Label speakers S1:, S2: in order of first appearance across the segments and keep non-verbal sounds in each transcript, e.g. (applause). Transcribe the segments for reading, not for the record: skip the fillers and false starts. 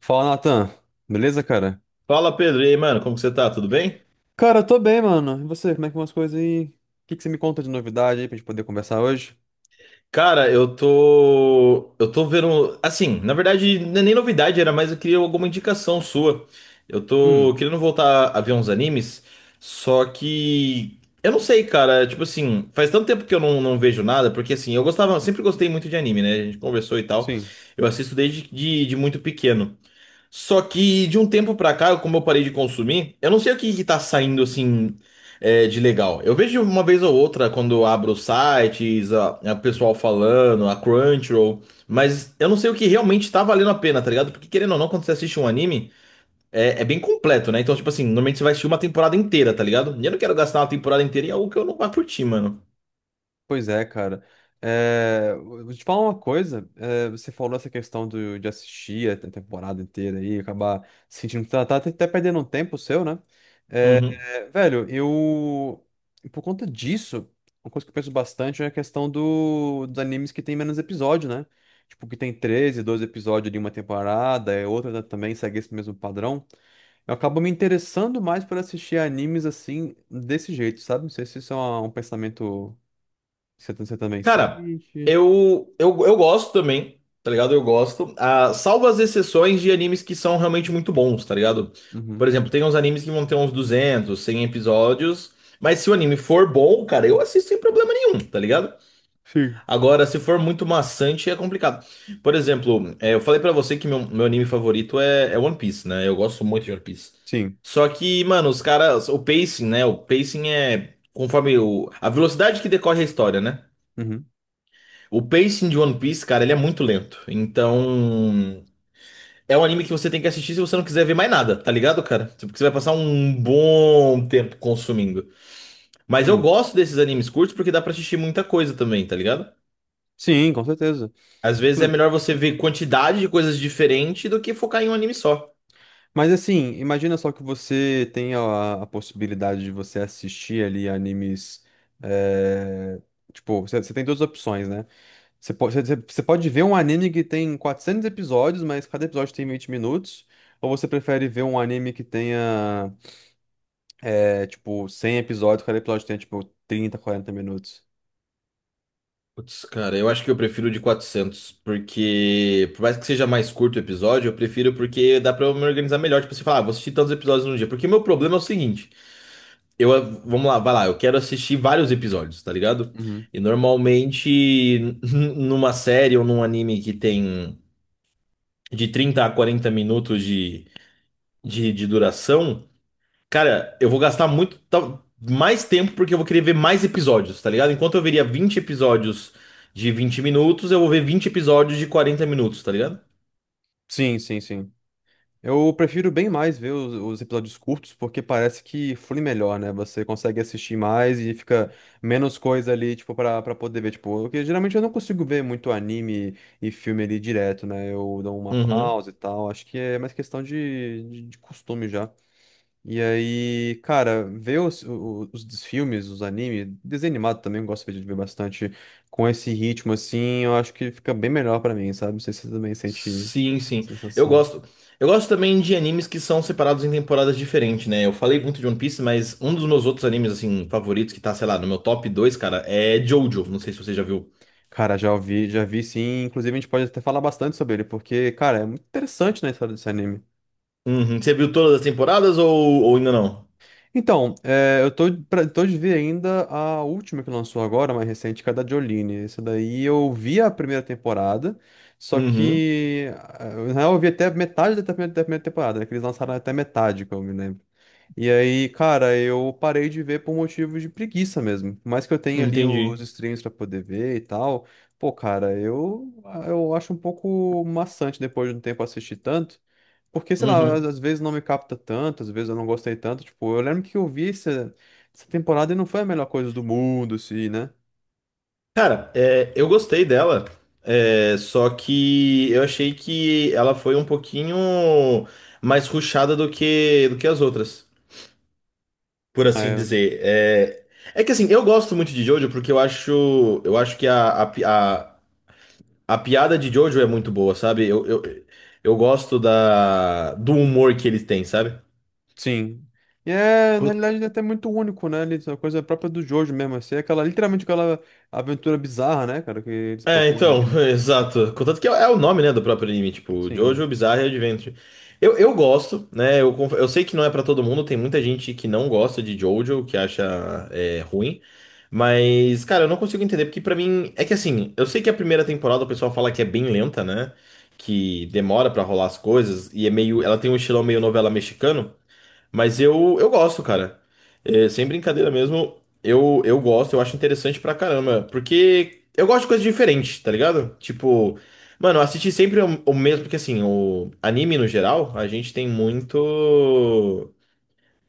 S1: Fala, Natan. Beleza, cara?
S2: Fala, Pedro. E aí, mano, como que você tá? Tudo bem?
S1: Cara, eu tô bem, mano. E você, como é que vão as coisas aí? O que que você me conta de novidade aí pra gente poder conversar hoje?
S2: Cara, Eu tô vendo. Assim, na verdade, não é nem novidade, era mais eu queria alguma indicação sua. Eu
S1: Hum,
S2: tô querendo voltar a ver uns animes, só que. Eu não sei, cara. Tipo assim, faz tanto tempo que eu não vejo nada, porque assim, eu gostava, sempre gostei muito de anime, né? A gente conversou e tal.
S1: sim.
S2: Eu assisto desde de muito pequeno. Só que de um tempo pra cá, como eu parei de consumir, eu não sei o que que tá saindo assim, de legal. Eu vejo uma vez ou outra quando eu abro os sites, a pessoal falando, a Crunchyroll, mas eu não sei o que realmente tá valendo a pena, tá ligado? Porque querendo ou não, quando você assiste um anime, é bem completo, né? Então, tipo assim, normalmente você vai assistir uma temporada inteira, tá ligado? E eu não quero gastar uma temporada inteira em algo que eu não vá curtir, mano.
S1: Pois é, cara. Eu vou te falar uma coisa. Você falou essa questão de assistir a temporada inteira aí, acabar sentindo que tá até perdendo um tempo seu, né?
S2: Uhum.
S1: Velho, eu. Por conta disso, uma coisa que eu penso bastante é a questão dos animes que tem menos episódio, né? Tipo, que tem 13 12 episódios de uma temporada, é outra também segue esse mesmo padrão. Eu acabo me interessando mais por assistir animes assim, desse jeito, sabe? Não sei se isso é um pensamento que você também
S2: Cara,
S1: sente.
S2: eu gosto também, tá ligado? Eu gosto. Ah, salvo as exceções de animes que são realmente muito bons, tá ligado? Por
S1: Uhum.
S2: exemplo, tem uns animes que vão ter uns 200, 100 episódios. Mas se o anime for bom, cara, eu assisto sem problema nenhum, tá ligado?
S1: Sim.
S2: Agora, se for muito maçante, é complicado. Por exemplo, eu falei pra você que meu anime favorito é One Piece, né? Eu gosto muito de One Piece.
S1: Sim.
S2: Só que, mano, os caras, o pacing, né? O pacing é conforme a velocidade que decorre a história, né?
S1: Uhum.
S2: O pacing de One Piece, cara, ele é muito lento. Então, é um anime que você tem que assistir se você não quiser ver mais nada, tá ligado, cara? Porque você vai passar um bom tempo consumindo. Mas eu
S1: Hum.
S2: gosto desses animes curtos porque dá pra assistir muita coisa também, tá ligado?
S1: Sim, com certeza.
S2: Às vezes é melhor você ver quantidade de coisas diferentes do que focar em um anime só.
S1: Mas assim, imagina só que você tem a possibilidade de você assistir ali animes. eh, Tipo, você tem duas opções, né? Você pode ver um anime que tem 400 episódios, mas cada episódio tem 20 minutos. Ou você prefere ver um anime que tenha, tipo, 100 episódios, cada episódio tenha, tipo, 30 40 minutos?
S2: Putz, cara, eu acho que eu prefiro o de 400 porque por mais que seja mais curto o episódio, eu prefiro porque dá pra eu me organizar melhor. Tipo, você fala, ah, vou assistir tantos episódios num dia. Porque o meu problema é o seguinte. Eu, vamos lá, vai lá. Eu quero assistir vários episódios, tá ligado?
S1: Uhum.
S2: E normalmente, (laughs) numa série ou num anime que tem de 30 a 40 minutos de duração, cara, eu vou gastar muito mais tempo porque eu vou querer ver mais episódios, tá ligado? Enquanto eu veria 20 episódios de 20 minutos, eu vou ver 20 episódios de 40 minutos, tá ligado?
S1: Sim, sim, sim. Eu prefiro bem mais ver os episódios curtos, porque parece que flui melhor, né? Você consegue assistir mais e fica menos coisa ali, tipo, pra poder ver. Tipo, porque geralmente eu não consigo ver muito anime e filme ali direto, né? Eu dou uma
S2: Uhum.
S1: pausa e tal. Acho que é mais questão de costume já. E aí, cara, ver dos filmes, os animes, desenho animado também, eu gosto de ver bastante com esse ritmo, assim, eu acho que fica bem melhor pra mim, sabe? Não sei se você também sente
S2: Sim, sim.
S1: essa
S2: Eu
S1: sensação.
S2: gosto. Eu gosto também de animes que são separados em temporadas diferentes, né? Eu falei muito de One Piece, mas um dos meus outros animes, assim, favoritos, que tá, sei lá, no meu top dois, cara, é Jojo. Não sei se você já viu.
S1: Cara, já ouvi, já vi sim. Inclusive, a gente pode até falar bastante sobre ele, porque, cara, é muito interessante, né, a história desse anime.
S2: Uhum. Você viu todas as temporadas ou ainda não?
S1: Então, tô de ver ainda a última que lançou agora, mais recente, que é a da Jolene. Essa daí eu vi a primeira temporada, só
S2: Uhum.
S1: que na real eu vi até metade da primeira temporada, né? Que eles lançaram até metade, que eu me lembro. E aí, cara, eu parei de ver por motivos de preguiça mesmo. Por mais que eu tenha ali
S2: Entendi.
S1: os streams pra poder ver e tal, pô, cara, eu acho um pouco maçante depois de um tempo assistir tanto. Porque, sei lá, às,
S2: Uhum.
S1: às vezes não me capta tanto, às vezes eu não gostei tanto. Tipo, eu lembro que eu vi essa temporada e não foi a melhor coisa do mundo, assim, né?
S2: Cara, eu gostei dela, só que eu achei que ela foi um pouquinho mais rushada do que as outras, por assim
S1: É,
S2: dizer. É que assim, eu gosto muito de Jojo porque eu acho que a piada de Jojo é muito boa, sabe? Eu gosto do humor que eles têm, sabe?
S1: sim. E, na realidade, ele é até muito único, né? Essa coisa própria do Jojo mesmo, assim, é aquela, literalmente aquela aventura bizarra, né, cara, que eles
S2: É,
S1: propõem
S2: então,
S1: ali.
S2: (laughs) exato. Contanto que é o nome, né, do próprio anime, tipo,
S1: Sim.
S2: Jojo Bizarre Adventure. Eu gosto, né, eu sei que não é pra todo mundo, tem muita gente que não gosta de Jojo, que acha ruim, mas, cara, eu não consigo entender, porque pra mim, é que assim, eu sei que a primeira temporada o pessoal fala que é bem lenta, né, que demora pra rolar as coisas, e é meio, ela tem um estilão meio novela mexicano, mas eu gosto, cara. É, sem brincadeira mesmo, eu gosto, eu acho interessante pra caramba. Porque eu gosto de coisa diferente, tá ligado? Tipo, mano, assistir sempre o mesmo, porque assim, o anime no geral, a gente tem muito.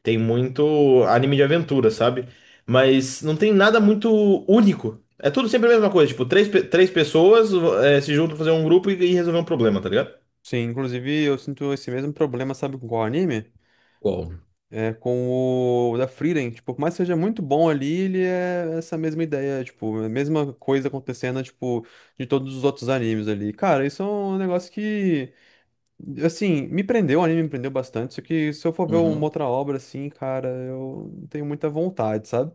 S2: Tem muito anime de aventura, sabe? Mas não tem nada muito único. É tudo sempre a mesma coisa, tipo, três pessoas, se juntam pra fazer um grupo e resolver um problema, tá ligado?
S1: Sim, inclusive eu sinto esse mesmo problema, sabe, com qual anime?
S2: Qual?
S1: Com o da Frieren, tipo, por mais que seja muito bom ali, ele é essa mesma ideia, tipo, é a mesma coisa acontecendo, tipo, de todos os outros animes ali. Cara, isso é um negócio que, assim, me prendeu, o anime me prendeu bastante, só que se eu for ver uma
S2: Uhum.
S1: outra obra, assim, cara, eu não tenho muita vontade, sabe?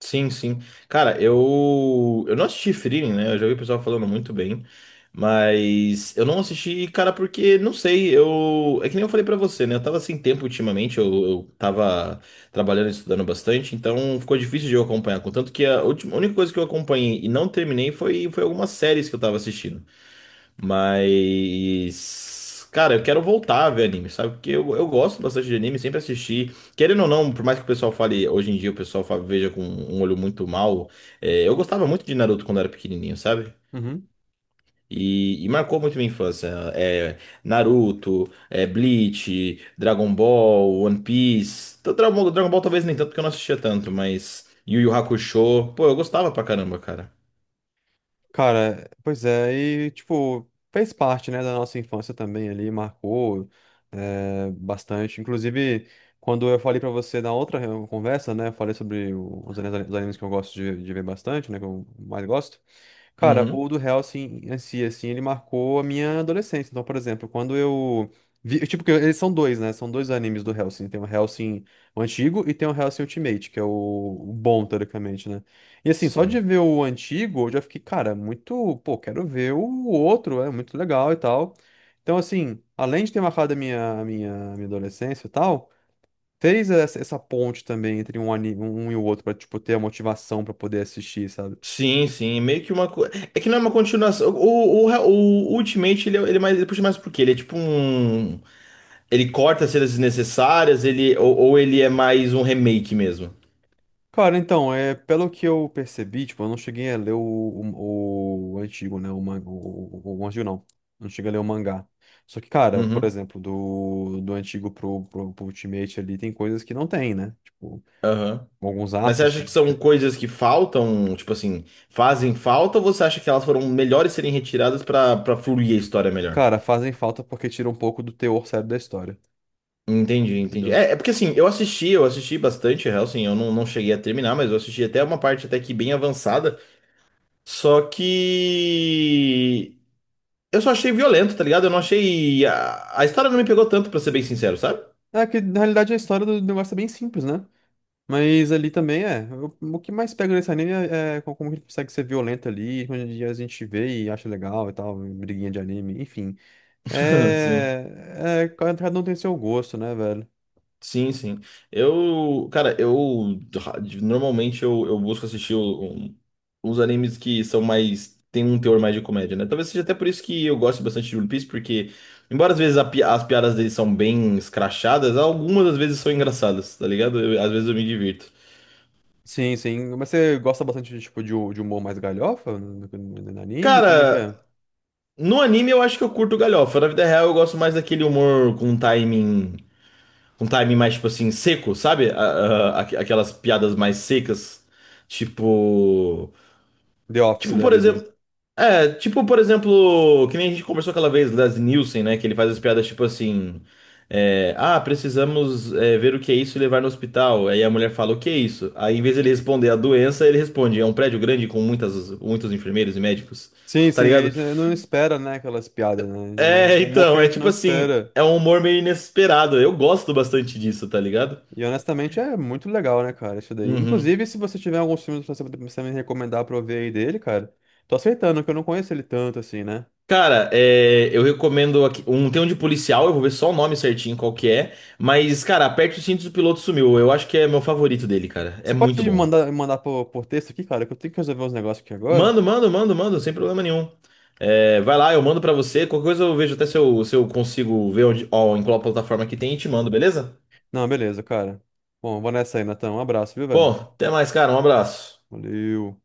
S2: Sim, sim. Cara, eu não assisti Frieren, né? Eu já vi o pessoal falando muito bem, mas eu não assisti, cara, porque não sei, eu é que nem eu falei pra você, né? Eu tava sem tempo ultimamente, eu tava trabalhando e estudando bastante, então ficou difícil de eu acompanhar, contanto que a última, a única coisa que eu acompanhei e não terminei foi algumas séries que eu tava assistindo. Mas, cara, eu quero voltar a ver anime, sabe? Porque eu gosto bastante de anime, sempre assisti. Querendo ou não, por mais que o pessoal fale, hoje em dia o pessoal veja com um olho muito mal, eu gostava muito de Naruto quando era pequenininho, sabe?
S1: Uhum.
S2: E marcou muito minha infância. Naruto, Bleach, Dragon Ball, One Piece. Então, Dragon Ball, Dragon Ball talvez nem tanto, porque eu não assistia tanto, mas Yu Yu Hakusho. Pô, eu gostava pra caramba, cara.
S1: Cara, pois é, e tipo, fez parte, né, da nossa infância também ali, marcou bastante. Inclusive, quando eu falei pra você na outra conversa, né, eu falei sobre os animes que eu gosto de ver bastante, né, que eu mais gosto. Cara,
S2: Uhum.
S1: o do Hellsing em si, assim, ele marcou a minha adolescência. Então, por exemplo, quando eu vi, tipo, que eles são dois, né? São dois animes do Hellsing. Tem o Hellsing o antigo e tem o Hellsing Ultimate, que é o bom, teoricamente, né? E assim, só
S2: Sim.
S1: de ver o antigo, eu já fiquei, cara, muito, pô, quero ver o outro, é muito legal e tal. Então, assim, além de ter marcado a minha adolescência e tal, fez essa ponte também entre um anime, um e o outro, pra, tipo, ter a motivação pra poder assistir, sabe?
S2: Sim, sim, meio que uma coisa. É que não é uma continuação. O Ultimate, ele puxa mais por quê? Ele é tipo um. Ele corta cenas desnecessárias, ou ele é mais um remake mesmo.
S1: Cara, então, pelo que eu percebi, tipo, eu não cheguei a ler o antigo, né? O manga, o antigo não. Não cheguei a ler o mangá. Só que, cara, por
S2: Uhum,
S1: exemplo, do antigo pro Ultimate ali, tem coisas que não tem, né? Tipo,
S2: aham.
S1: alguns
S2: Mas você
S1: arcos que
S2: acha que
S1: não.
S2: são coisas que faltam, tipo assim, fazem falta, ou você acha que elas foram melhores serem retiradas pra fluir a história melhor?
S1: Cara, fazem falta porque tira um pouco do teor sério da história,
S2: Entendi, entendi.
S1: entendeu?
S2: É porque assim, eu assisti bastante Hellsing, eu não cheguei a terminar, mas eu assisti até uma parte até que bem avançada. Só que. Eu só achei violento, tá ligado? Eu não achei. A história não me pegou tanto, pra ser bem sincero, sabe?
S1: É que, na realidade, a história do negócio é bem simples, né? Mas ali também é. O que mais pega nesse anime é como ele consegue ser violento ali, onde a gente vê e acha legal e tal, briguinha de anime, enfim.
S2: (laughs) Sim,
S1: É, cada um tem seu gosto, né, velho?
S2: sim, sim. Eu, cara, normalmente eu busco assistir uns animes que são mais. Tem um teor mais de comédia, né? Talvez seja até por isso que eu gosto bastante de One Piece, porque, embora às vezes as piadas deles são bem escrachadas, algumas às vezes são engraçadas, tá ligado? Às vezes eu me divirto.
S1: Sim, sim. Mas você gosta bastante de, tipo, de humor mais galhofa no anime? Como é que é?
S2: Cara, no anime eu acho que eu curto galhofa. Na vida real eu gosto mais daquele humor com timing, um timing mais, tipo assim, seco, sabe? Aquelas piadas mais secas. Tipo.
S1: The Office
S2: Tipo,
S1: da
S2: por
S1: vida.
S2: exemplo. Tipo, por exemplo, que nem a gente conversou aquela vez, Leslie Nielsen, né? Que ele faz as piadas tipo assim. Ah, precisamos ver o que é isso e levar no hospital. Aí a mulher fala, o que é isso? Aí em vez de ele responder a doença, ele responde, é um prédio grande com muitas, muitos enfermeiros e médicos. (laughs)
S1: Sim,
S2: Tá
S1: sim, a
S2: ligado?
S1: gente não espera, né, aquelas piadas, né?
S2: É,
S1: O humor que a
S2: então, é
S1: gente não
S2: tipo assim,
S1: espera.
S2: é um humor meio inesperado. Eu gosto bastante disso, tá ligado?
S1: E honestamente é muito legal, né, cara, isso daí.
S2: Uhum.
S1: Inclusive, se você tiver alguns filmes pra você me recomendar pra eu ver aí dele, cara, tô aceitando, que eu não conheço ele tanto assim, né?
S2: Cara, eu recomendo aqui, tem um de policial, eu vou ver só o nome certinho qual que é, mas cara, Aperte os Cintos, o Piloto Sumiu. Eu acho que é meu favorito dele, cara.
S1: Você
S2: É muito
S1: pode
S2: bom.
S1: mandar por texto aqui, cara, que eu tenho que resolver uns negócios aqui agora.
S2: Mando, mando, mando, mando, sem problema nenhum. É, vai lá, eu mando pra você. Qualquer coisa eu vejo até se se eu consigo ver onde, ó, em qual plataforma que tem e te mando, beleza?
S1: Não, beleza, cara. Bom, eu vou nessa aí, Natão. Um abraço, viu, velho?
S2: Bom, até mais, cara. Um abraço.
S1: Valeu.